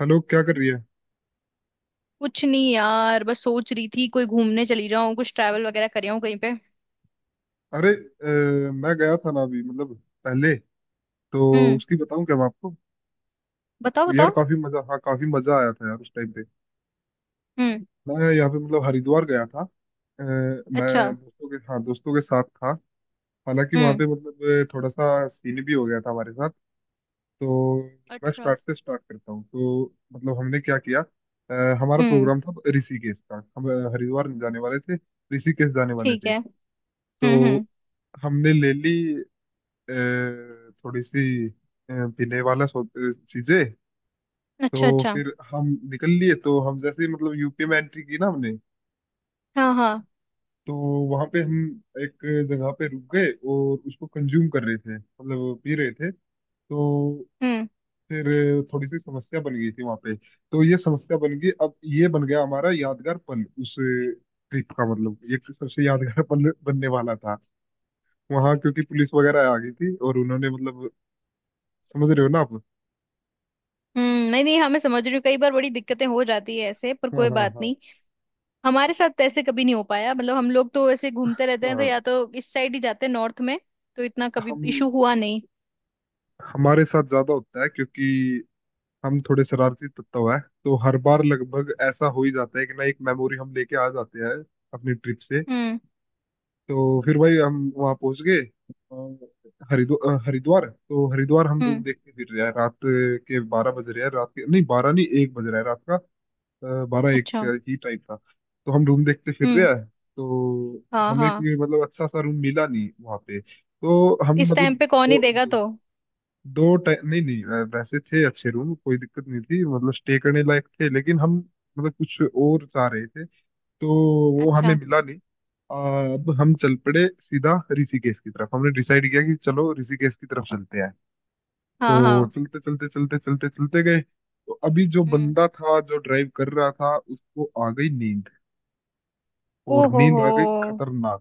Hello, क्या कर रही है? कुछ नहीं यार, बस सोच रही थी कोई घूमने चली जाऊं, कुछ ट्रैवल वगैरह कर आऊं कहीं पे। अरे, मैं गया था ना अभी मतलब पहले, तो हम्म। उसकी बताऊं क्या मैं आपको? बताओ, तो यार, बताओ। काफी मजा, हाँ, काफी मजा आया था यार उस टाइम पे। हम्म। मैं यहाँ पे मतलब हरिद्वार गया था। अच्छा। मैं दोस्तों के, हाँ, दोस्तों के साथ था। हालांकि वहाँ हम्म। पे मतलब थोड़ा सा सीन भी हो गया था हमारे साथ। तो मैं अच्छा। स्टार्ट से स्टार्ट करता हूँ, तो मतलब हमने क्या किया। हमारा हम्म। प्रोग्राम था ऋषिकेश का। हम हरिद्वार नहीं जाने वाले थे। ऋषिकेश जाने वाले ठीक थे। है। हम्म, तो हम्म। हमने ले ली, अ, थोड़ी सी अ, पीने वाला चीजें। तो अच्छा, अच्छा। फिर हम निकल लिए। तो हम जैसे ही मतलब यूपी में एंट्री की ना हमने, हाँ, हाँ। तो वहां पे हम एक जगह पे रुक गए और उसको कंज्यूम कर रहे थे, मतलब पी रहे थे। तो हम्म, फिर थोड़ी सी समस्या बन गई थी वहां पे। तो ये समस्या बन गई, अब ये बन गया हमारा यादगार पल उस ट्रिप का, मतलब ये सबसे यादगार पल बनने वाला था। वहां, क्योंकि पुलिस वगैरह आ गई थी और उन्होंने मतलब, समझ रहे हो ना आप? हम्म। नहीं, नहीं, हमें समझ रही हूँ, कई बार बड़ी दिक्कतें हो जाती है ऐसे, पर हाँ, कोई हाँ, बात हाँ, नहीं। हमारे साथ तो ऐसे कभी नहीं हो पाया, मतलब हम लोग तो ऐसे घूमते रहते हैं तो हाँ। या तो इस साइड ही जाते हैं, नॉर्थ में। तो इतना कभी हम इशू हुआ नहीं। हमारे साथ ज्यादा होता है, क्योंकि हम थोड़े शरारती तत्व हैं, तो हर बार लगभग ऐसा हो ही जाता है कि ना, एक मेमोरी हम लेके आ जाते हैं अपनी ट्रिप से। हम्म, तो फिर भाई हम वहाँ पहुंच गए, अ, हरिद्वार, अ, हरिद्वार तो हरिद्वार, हम रूम हम्म। देखते फिर रहे हैं। रात के 12 बज रहे हैं, रात के नहीं, 12 नहीं, 1 बज रहा है रात का। बारह अच्छा। एक ही टाइम था। तो हम रूम देखते फिर हम्म। रहे हैं। तो हाँ, हमें हाँ। कोई मतलब अच्छा सा रूम मिला नहीं वहाँ पे, तो हम इस मतलब, टाइम पे कौन ही दो, देगा दो, तो। दो टाइम नहीं, नहीं, वैसे थे अच्छे रूम, कोई दिक्कत नहीं थी मतलब, स्टे करने लायक थे, लेकिन हम मतलब कुछ और चाह रहे थे। तो वो हमें अच्छा। मिला नहीं। अब हम चल पड़े सीधा ऋषिकेश की तरफ। हमने डिसाइड किया कि चलो ऋषिकेश की तरफ चलते हैं। हाँ, तो हाँ। चलते चलते चलते चलते चलते गए, तो अभी जो हम्म। बंदा था, जो ड्राइव कर रहा था, उसको आ गई नींद। ओ और हो नींद हो। आ गई खतरनाक।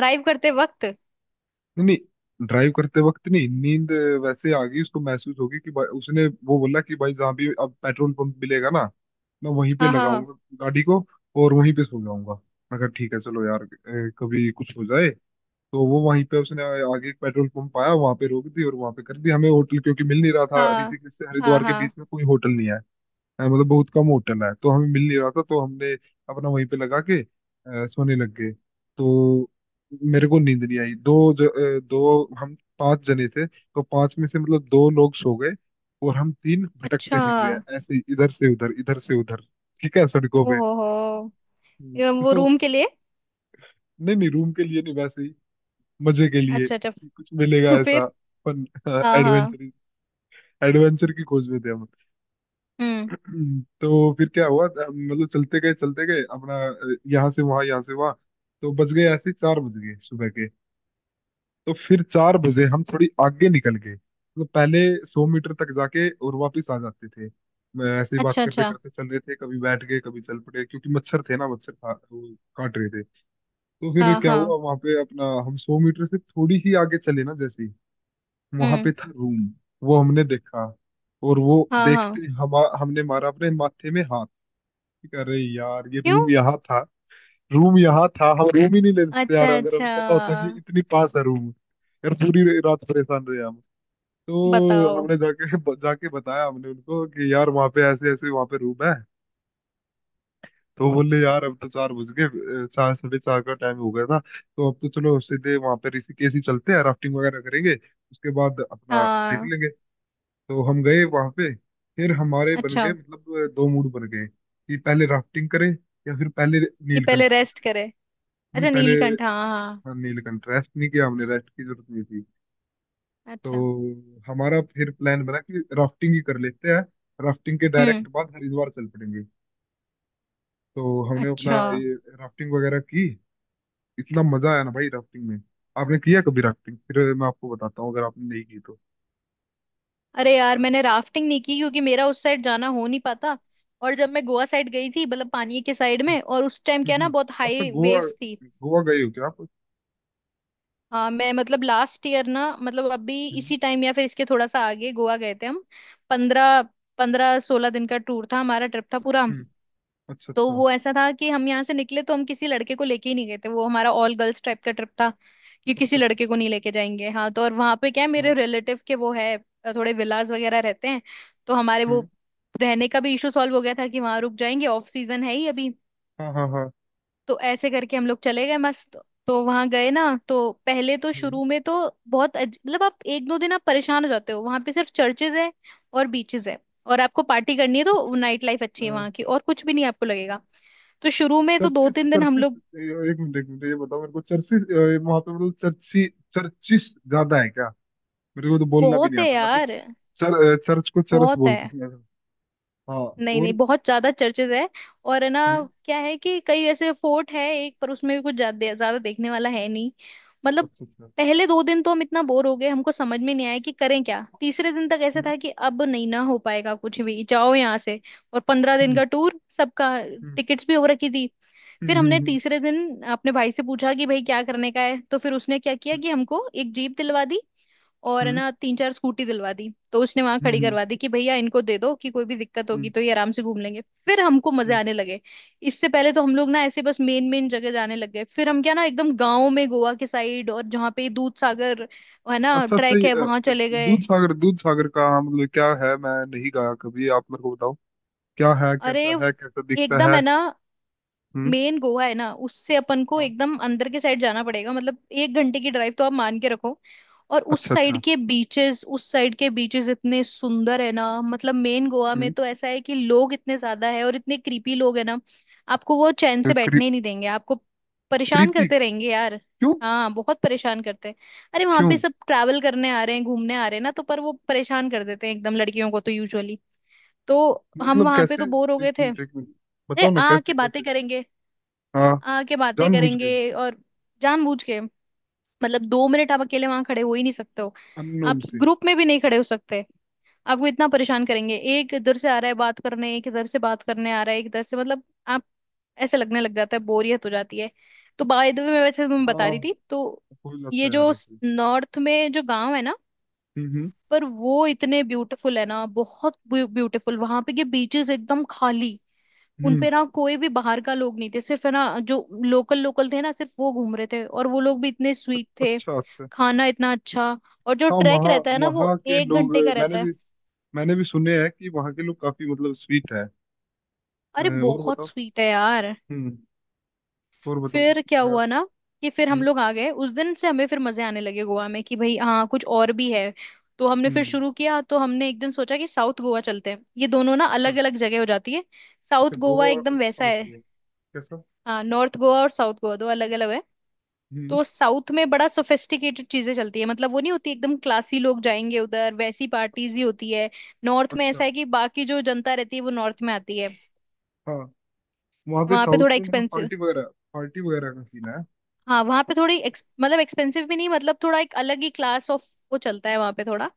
ड्राइव करते वक्त। नहीं, नहीं, ड्राइव करते वक्त नहीं, नींद वैसे आ गई उसको, महसूस होगी कि भाई, उसने वो बोला कि भाई, जहाँ भी अब पेट्रोल पंप मिलेगा ना, मैं वहीं पे हाँ, हाँ, लगाऊंगा गाड़ी को, और वहीं पे सो जाऊंगा। मैं कहा ठीक है, चलो यार, कभी कुछ हो जाए। तो वो वहीं पे, उसने आगे एक पेट्रोल पंप आया वहां पे रोक दी, और वहां पे कर दी। हमें होटल क्योंकि मिल नहीं रहा था, हाँ। ऋषिकेश से हाँ, हरिद्वार के हाँ। बीच में कोई होटल नहीं है। हाँ, मतलब बहुत कम होटल है, तो हमें मिल नहीं रहा था, तो हमने अपना वहीं पे लगा के सोने लग गए। तो मेरे को नींद नहीं आई। दो, हम पांच जने थे, तो पांच में से मतलब दो लोग सो गए। और हम तीन भटकते अच्छा। फिर रहे हैं ऐसे ही, इधर से उधर, इधर से उधर। ठीक है, सड़कों ओ पे। हो हो। ये हम्म, वो तो रूम के लिए। नहीं, नहीं, रूम के लिए नहीं, वैसे ही मजे के लिए अच्छा, अच्छा कि कुछ मिलेगा फिर। ऐसा। फन। हाँ, हाँ। एडवेंचर। एडवेंचर की खोज में थे हम। हम्म। तो फिर क्या हुआ, मतलब चलते गए अपना, यहाँ से वहां, यहाँ से वहां। तो बज गए ऐसे ही, 4 बज गए सुबह के। तो फिर 4 बजे हम थोड़ी आगे निकल गए, मतलब पहले 100 मीटर तक जाके और वापस आ जाते थे। मैं ऐसे ही बात अच्छा, करते अच्छा। करते चल रहे थे, कभी बैठ गए, कभी चल पड़े, क्योंकि मच्छर थे ना, मच्छर खा वो काट रहे थे। तो फिर हाँ, क्या हाँ। हुआ वहां पे अपना, हम 100 मीटर से थोड़ी ही आगे चले ना, जैसे ही वहां पे हम्म। था रूम, वो हमने देखा। और वो हाँ, हाँ। देखते, हम हमने मारा अपने माथे में हाथ। अरे यार, ये क्यों। रूम यहाँ था। रूम यहाँ था, हम रूम ही नहीं ले लेते यार, अच्छा, अगर अच्छा। हमें पता होता कि इतनी पास है रूम। यार, पूरी रात परेशान रहे हम। तो बताओ। हमने जाके जाके बताया हमने उनको कि यार, वहाँ पे ऐसे ऐसे, वहाँ पे रूम है। तो बोले यार, अब तो 4 बज गए, चार 4:30 का टाइम हो गया था, तो अब तो चलो सीधे वहाँ पे ऋषिकेश ही चलते हैं, राफ्टिंग वगैरह करेंगे, उसके बाद अपना देख हाँ। लेंगे। तो हम गए वहाँ पे। फिर हमारे बन गए अच्छा। मतलब दो मूड बन गए, कि पहले राफ्टिंग करें, या फिर पहले कि पहले नीलकंठ। रेस्ट करे। नहीं अच्छा, पहले, नीलकंठ, हाँ, हाँ। हाँ, नीलकंठ। रेस्ट नहीं किया हमने, रेस्ट की जरूरत नहीं थी। तो अच्छा। हमारा फिर प्लान बना कि राफ्टिंग ही कर लेते हैं। राफ्टिंग के हम्म। डायरेक्ट बाद हरिद्वार चल पड़ेंगे। तो हमने अपना अच्छा। ये राफ्टिंग वगैरह की। इतना मजा आया ना भाई राफ्टिंग में। आपने किया कभी राफ्टिंग? फिर मैं आपको बताता हूँ, अगर आपने नहीं की तो। अरे यार, मैंने राफ्टिंग नहीं की क्योंकि मेरा उस साइड जाना हो नहीं पाता। और जब मैं गोवा साइड गई थी, मतलब पानी के साइड हम्म, में, और उस टाइम हम्म, क्या ना हम्म। बहुत अच्छा, हाई गोवा। वेव्स थी। गोवा गए हो क्या आप? हाँ, मैं मतलब लास्ट ईयर ना, मतलब अभी हम्म, इसी टाइम या फिर इसके थोड़ा सा आगे गोवा गए थे हम। पंद्रह पंद्रह सोलह दिन का टूर था हमारा, ट्रिप था पूरा। हम्म, अच्छा, तो अच्छा, वो ऐसा था कि हम यहाँ से निकले तो हम किसी लड़के को लेके ही नहीं गए थे, वो हमारा ऑल गर्ल्स टाइप का ट्रिप था कि किसी अच्छा, अच्छा, लड़के को नहीं लेके जाएंगे। हाँ तो, और वहां पे क्या है, हाँ, मेरे रिलेटिव के वो है, थोड़े विलाज वगैरह रहते हैं। तो हमारे वो हम्म, रहने का भी इशू सॉल्व हो गया था कि वहां रुक जाएंगे, ऑफ सीजन है ही अभी। हाँ, हाँ, हाँ, तो ऐसे करके हम लोग चले गए मस्त। तो वहां गए ना, तो पहले तो हम्म, शुरू में तो बहुत मतलब आप एक दो दिन आप परेशान हो जाते हो, वहां पे सिर्फ चर्चेज है और बीचेस है। और आपको पार्टी करनी है तो अच्छा, नाइट लाइफ अच्छी है हाँ। वहां की, और कुछ भी नहीं आपको लगेगा। तो शुरू में तो दो चर्चिस, तीन दिन हम चर्चिस, लोग। एक मिनट, एक मिनट, ये बताओ मेरे को, चर्चिस वहां पे मतलब, चर्ची, चर्चिस ज्यादा है क्या? मेरे को तो बोलना भी बहुत नहीं है आता, मैं तो यार, चर्च को चरस बहुत बोलता है। हूँ मैं तो। हाँ, नहीं, नहीं, और? बहुत ज्यादा चर्चेज है। और है ना, हम्म, क्या है कि कई ऐसे फोर्ट है एक, पर उसमें भी कुछ ज्यादा ज्यादा देखने वाला है नहीं, मतलब। अच्छा, अच्छा, पहले दो दिन तो हम इतना बोर हो गए, हमको समझ में नहीं आया कि करें क्या। तीसरे दिन तक ऐसा हम्म, था कि अब नहीं ना हो पाएगा कुछ भी, जाओ यहाँ से। और 15 दिन हम्म, का टूर सबका, टिकट्स भी हो रखी थी। फिर हम्म, हम्म, हमने हम्म, तीसरे दिन अपने भाई से पूछा कि भाई क्या करने का है, तो फिर उसने क्या किया कि हमको एक जीप दिलवा दी, और है ना, तीन चार स्कूटी दिलवा दी। तो उसने वहां खड़ी हम्म, करवा दी कि भैया इनको दे दो, कि कोई भी दिक्कत हम्म, होगी तो ये आराम से घूम लेंगे। फिर हमको मजे हम्म, आने लगे। इससे पहले तो हम लोग ना ऐसे बस मेन मेन जगह जाने लग गए, फिर हम क्या ना एकदम गाँव में, गोवा के साइड, और जहाँ पे दूध सागर है ना, अच्छा, अच्छा, ट्रैक ये है, वहां चले गए। दूध सागर, दूध सागर का मतलब क्या है? मैं नहीं गाया कभी, आप मेरे को बताओ। क्या है, अरे, कैसा है, कैसा दिखता एकदम है? है ना, हम्म, मेन गोवा है ना, उससे अपन को हाँ, एकदम अंदर के साइड जाना पड़ेगा, मतलब एक घंटे की ड्राइव तो आप मान के रखो। और उस अच्छा, साइड अच्छा, के बीचेस, उस साइड के बीचेस इतने सुंदर है ना, मतलब मेन गोवा में हम्म। तो ऐसा है कि लोग इतने ज्यादा है, और इतने क्रीपी लोग है ना, आपको वो चैन से क्री, बैठने ही नहीं देंगे आपको, परेशान क्रीपी? करते क्यों? रहेंगे यार। हाँ बहुत परेशान करते हैं। अरे वहां पे क्यों? सब ट्रैवल करने आ रहे हैं, घूमने आ रहे हैं ना, तो पर वो परेशान कर देते हैं एकदम, लड़कियों को तो यूजुअली। तो हम मतलब वहां पे कैसे? तो बोर हो एक गए थे। मिनट, एक अरे मिनट, बताओ ना, आ कैसे के बातें कैसे? करेंगे, हाँ, आके बातें जानबूझ के? करेंगे, और जानबूझ के। मतलब 2 मिनट आप अकेले वहां खड़े हो ही नहीं सकते हो, अननोन आप से? ग्रुप में भी नहीं खड़े हो सकते। आपको इतना परेशान करेंगे, एक इधर से आ रहा है बात करने, एक इधर से बात करने आ रहा है, एक इधर से, मतलब आप, ऐसे लगने लग जाता है, बोरियत हो जाती है। तो बाय द वे, मैं वैसे तुम्हें बता रही हाँ, थी तो, हो जाता ये है यार जो ऐसे। नॉर्थ में जो गांव है ना, हम्म, हम्म, पर वो इतने ब्यूटीफुल है ना, बहुत ब्यूटीफुल वहां पे के बीचेस एकदम खाली। हम्म, उनपे ना कोई भी बाहर का लोग नहीं थे, सिर्फ है ना जो लोकल लोकल थे ना, सिर्फ वो घूम रहे थे, और वो लोग भी इतने स्वीट थे, अच्छा, अच्छा। खाना इतना अच्छा। और जो हाँ, ट्रैक वहाँ रहता है ना, वो वहाँ के एक लोग, घंटे का रहता मैंने है। भी मैंने भी सुने हैं कि वहाँ के लोग काफी मतलब स्वीट है। अरे और बहुत बताओ। स्वीट है यार। हम्म। और बताओ, फिर फिर क्या क्या? हुआ ना, कि फिर हम हम्म, लोग आ गए उस दिन से, हमें फिर मजे आने लगे गोवा में कि भाई हाँ कुछ और भी है। तो हमने फिर हम्म, शुरू किया। तो हमने एक दिन सोचा कि साउथ गोवा चलते हैं, ये दोनों ना अच्छा, अलग अलग जगह हो जाती है। अच्छा, साउथ गोवा गोवा और एकदम वैसा साउथ है, में कैसा? हाँ, नॉर्थ गोवा और साउथ गोवा दो अलग अलग है। हम्म, तो साउथ में बड़ा सोफिस्टिकेटेड चीजें चलती है, मतलब वो नहीं होती, एकदम क्लासी लोग जाएंगे उधर, वैसी पार्टीज अच्छा, ही होती है। नॉर्थ में ऐसा अच्छा, है कि बाकी जो जनता रहती है, वो नॉर्थ में आती है। हाँ, वहाँ पे वहां पे साउथ थोड़ा में मतलब एक्सपेंसिव, पार्टी वगैरह, पार्टी वगैरह का सीन है? हाँ वहां पे थोड़ी मतलब एक्सपेंसिव भी नहीं, मतलब थोड़ा एक अलग ही क्लास ऑफ वो चलता है वहां पे थोड़ा।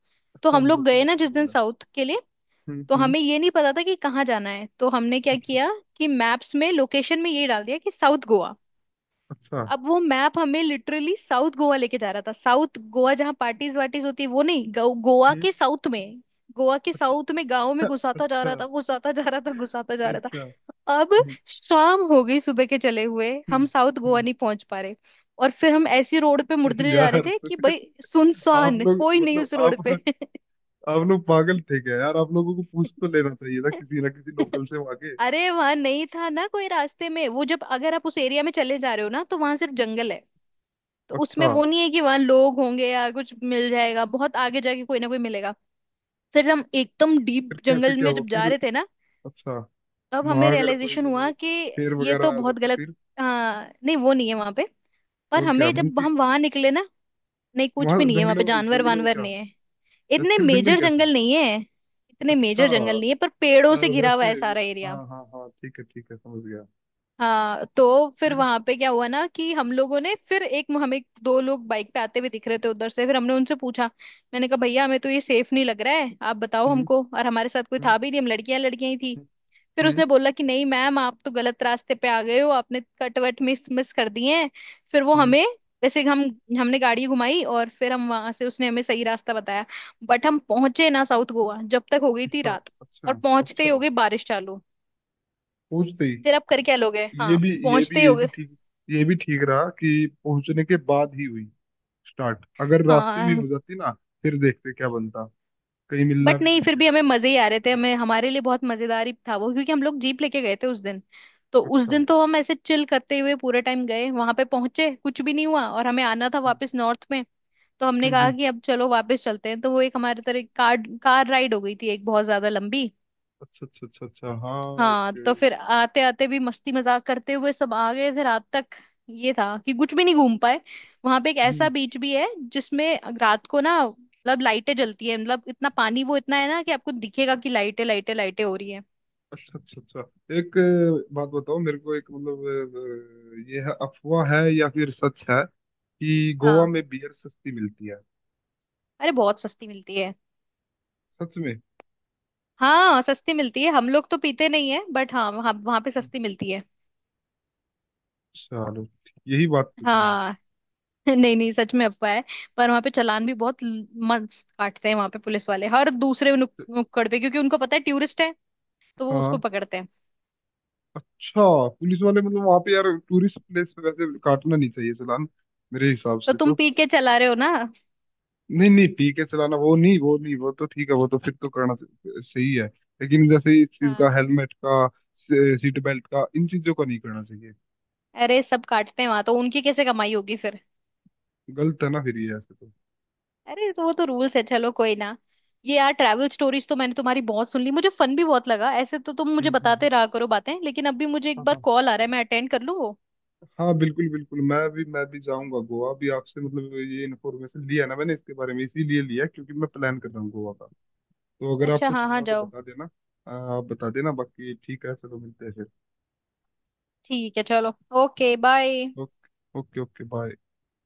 तो हाँ, हम मतलब लोग गए ना क्लासिक जिस लोग दिन हैं। साउथ के लिए, हम्म, तो हम्म, हमें ये नहीं पता था कि कहाँ जाना है, तो हमने क्या अच्छा, किया कि मैप्स में लोकेशन में ये डाल दिया कि साउथ गोवा। अच्छा, अब वो मैप हमें लिटरली साउथ गोवा लेके जा रहा था, साउथ गोवा जहाँ पार्टीज वार्टीज होती है वो नहीं, गोवा हम्म, के साउथ में। गोवा के साउथ में गांव में अच्छा, घुसाता जा अच्छा, रहा था, घुसाता जा रहा था, घुसाता जा रहा अच्छा, था। अब हम्म, शाम हो गई, सुबह के चले हुए हम हम्म, साउथ गोवा नहीं पहुंच पा रहे। और फिर हम ऐसी रोड पे मुड़ने जा रहे यार, थे कि भाई आप सुनसान, लोग कोई नहीं मतलब, उस रोड पे। आप लोग पागल थे क्या यार? आप लोगों को पूछ तो लेना चाहिए था, किसी ना किसी लोकल से वहां के। अरे वहां नहीं था ना कोई रास्ते में वो, जब अगर आप उस एरिया में चले जा रहे हो ना तो वहां सिर्फ जंगल है। तो उसमें अच्छा, वो नहीं है कि वहां लोग होंगे या कुछ मिल जाएगा, बहुत आगे जाके कोई ना कोई मिलेगा। फिर हम एकदम फिर डीप कैसे, जंगल क्या में हुआ जब जा फिर? रहे थे ना, अच्छा, तब हमें वहां अगर कोई रियलाइजेशन हुआ मतलब, कि शेर ये तो वगैरह आ बहुत जाता गलत। फिर? हाँ नहीं, वो नहीं है वहां पे। पर और क्या, हमें जब मंकी? हम वहां निकले ना, नहीं कुछ भी वहां नहीं है वहां पे, जंगलों में, जानवर जंगलों में वानवर क्या? नहीं है। तो इतने फिर जंगल मेजर कैसे? जंगल नहीं है। इतने अच्छा, मेजर जंगल नहीं है, पर पेड़ों से घिरा हुआ वैसे है सारा वैसे- हाँ, एरिया। हाँ, हाँ, ठीक है, ठीक है, समझ गया। हाँ, तो फिर फिर? वहां पे क्या हुआ ना कि हम लोगों ने फिर एक, हमें दो लोग बाइक पे आते हुए दिख रहे थे उधर से, फिर हमने उनसे पूछा। मैंने कहा भैया हमें तो ये सेफ नहीं लग रहा है, आप बताओ हम्म, हमको, और हमारे साथ कोई हम्म, था भी नहीं, हम लड़कियां लड़कियां ही थी। हम्म, फिर उसने बोला कि नहीं मैम आप तो गलत रास्ते पे आ गए हो, आपने कट वट मिस मिस कर दिए हैं। फिर वो हम्म, हमें, जैसे हम, हमने गाड़ी घुमाई और फिर हम वहां से, उसने हमें सही रास्ता बताया। बट हम पहुंचे ना साउथ गोवा, जब तक हो गई थी अच्छा, रात। अच्छा, और पहुंचते अच्छा, ही हो गई बारिश चालू। पूछते ही? फिर आप कर क्या लोगे, हाँ पहुंचते ही ये हो भी गए, ठीक, ये भी ठीक रहा कि पहुंचने के बाद ही हुई। स्टार्ट अगर रास्ते में हाँ। हो जाती ना, फिर देखते क्या बनता। कहीं मिलना बट भी नहीं, नहीं फिर भी था, हमें मतलब कुछ मजे ही आ देर रहे से थे, हमें, निकलने में। हमारे लिए बहुत मजेदार ही था वो क्योंकि हम लोग जीप लेके गए थे उस दिन। तो उस अच्छा, दिन तो हम ऐसे चिल करते हुए पूरे टाइम गए, वहां पे पहुंचे, कुछ भी नहीं हुआ, और हमें आना था हम्म, वापस नॉर्थ में। तो हमने हम्म, कहा कि अब चलो वापस चलते हैं। तो वो एक हमारे तरह कार, कार राइड हो गई थी एक बहुत ज्यादा लंबी। अच्छा, अच्छा, अच्छा, अच्छा, हाँ, हाँ तो एक, फिर आते आते भी मस्ती मजाक करते हुए सब आ गए थे रात तक। ये था कि कुछ भी नहीं घूम पाए। वहां पे एक हम्म, ऐसा बीच भी है जिसमें रात को ना, मतलब लाइटें जलती है, मतलब इतना पानी वो इतना है ना कि आपको दिखेगा कि लाइटें लाइटें लाइटें हो रही है। अच्छा, अच्छा, अच्छा, एक बात बताओ मेरे को, एक मतलब, ये है, अफवाह है या फिर सच है कि गोवा हाँ। में बियर सस्ती मिलती है? अरे बहुत सस्ती मिलती है। सच में? हाँ सस्ती मिलती है, हम लोग तो पीते नहीं है, बट हाँ वहाँ वहाँ पे सस्ती मिलती है। चलो, यही बात पूछनी थी। हाँ नहीं, नहीं, सच में अफवाह है। पर वहाँ पे चालान भी बहुत मस्त काटते हैं वहाँ पे पुलिस वाले, हर दूसरे तो- नुक्कड़ पे, क्योंकि उनको पता है टूरिस्ट है, तो वो उसको हाँ, पकड़ते हैं। अच्छा, पुलिस वाले मतलब, वहां पे यार टूरिस्ट प्लेस पे वैसे काटना नहीं चाहिए चालान, मेरे हिसाब तो से तुम तो। पी के चला रहे हो ना। नहीं, नहीं, ठीक है चलाना, वो नहीं, वो नहीं, वो तो ठीक है, वो तो फिर तो करना सही है। लेकिन जैसे इस चीज का, हाँ। हेलमेट का, सीट बेल्ट का, इन चीजों का नहीं करना चाहिए। अरे सब काटते हैं वहां, तो उनकी कैसे कमाई होगी फिर। गलत है ना फिर ये, ऐसे तो। अरे तो वो तो रूल्स है, चलो कोई ना। ये यार ट्रैवल स्टोरीज तो मैंने तुम्हारी बहुत सुन ली, मुझे फन भी बहुत लगा, ऐसे तो तुम मुझे हम्म, हम्म, बताते रहा करो बातें, लेकिन अभी मुझे एक हाँ, बार हाँ, कॉल आ रहा है, मैं अटेंड कर लूँ वो। हाँ, बिल्कुल, बिल्कुल, मैं भी जाऊंगा गोवा भी। आपसे मतलब ये इन्फॉर्मेशन लिया ना मैंने इसके बारे में, इसीलिए लिया क्योंकि मैं प्लान कर रहा हूँ गोवा का। तो अगर अच्छा, आपको हाँ चलना हाँ, हो तो जाओ। बता देना। आ, आप बता देना, बाकी ठीक है, चलो मिलते हैं फिर। ठीक है चलो। Okay bye. Okay, okay, okay, bye.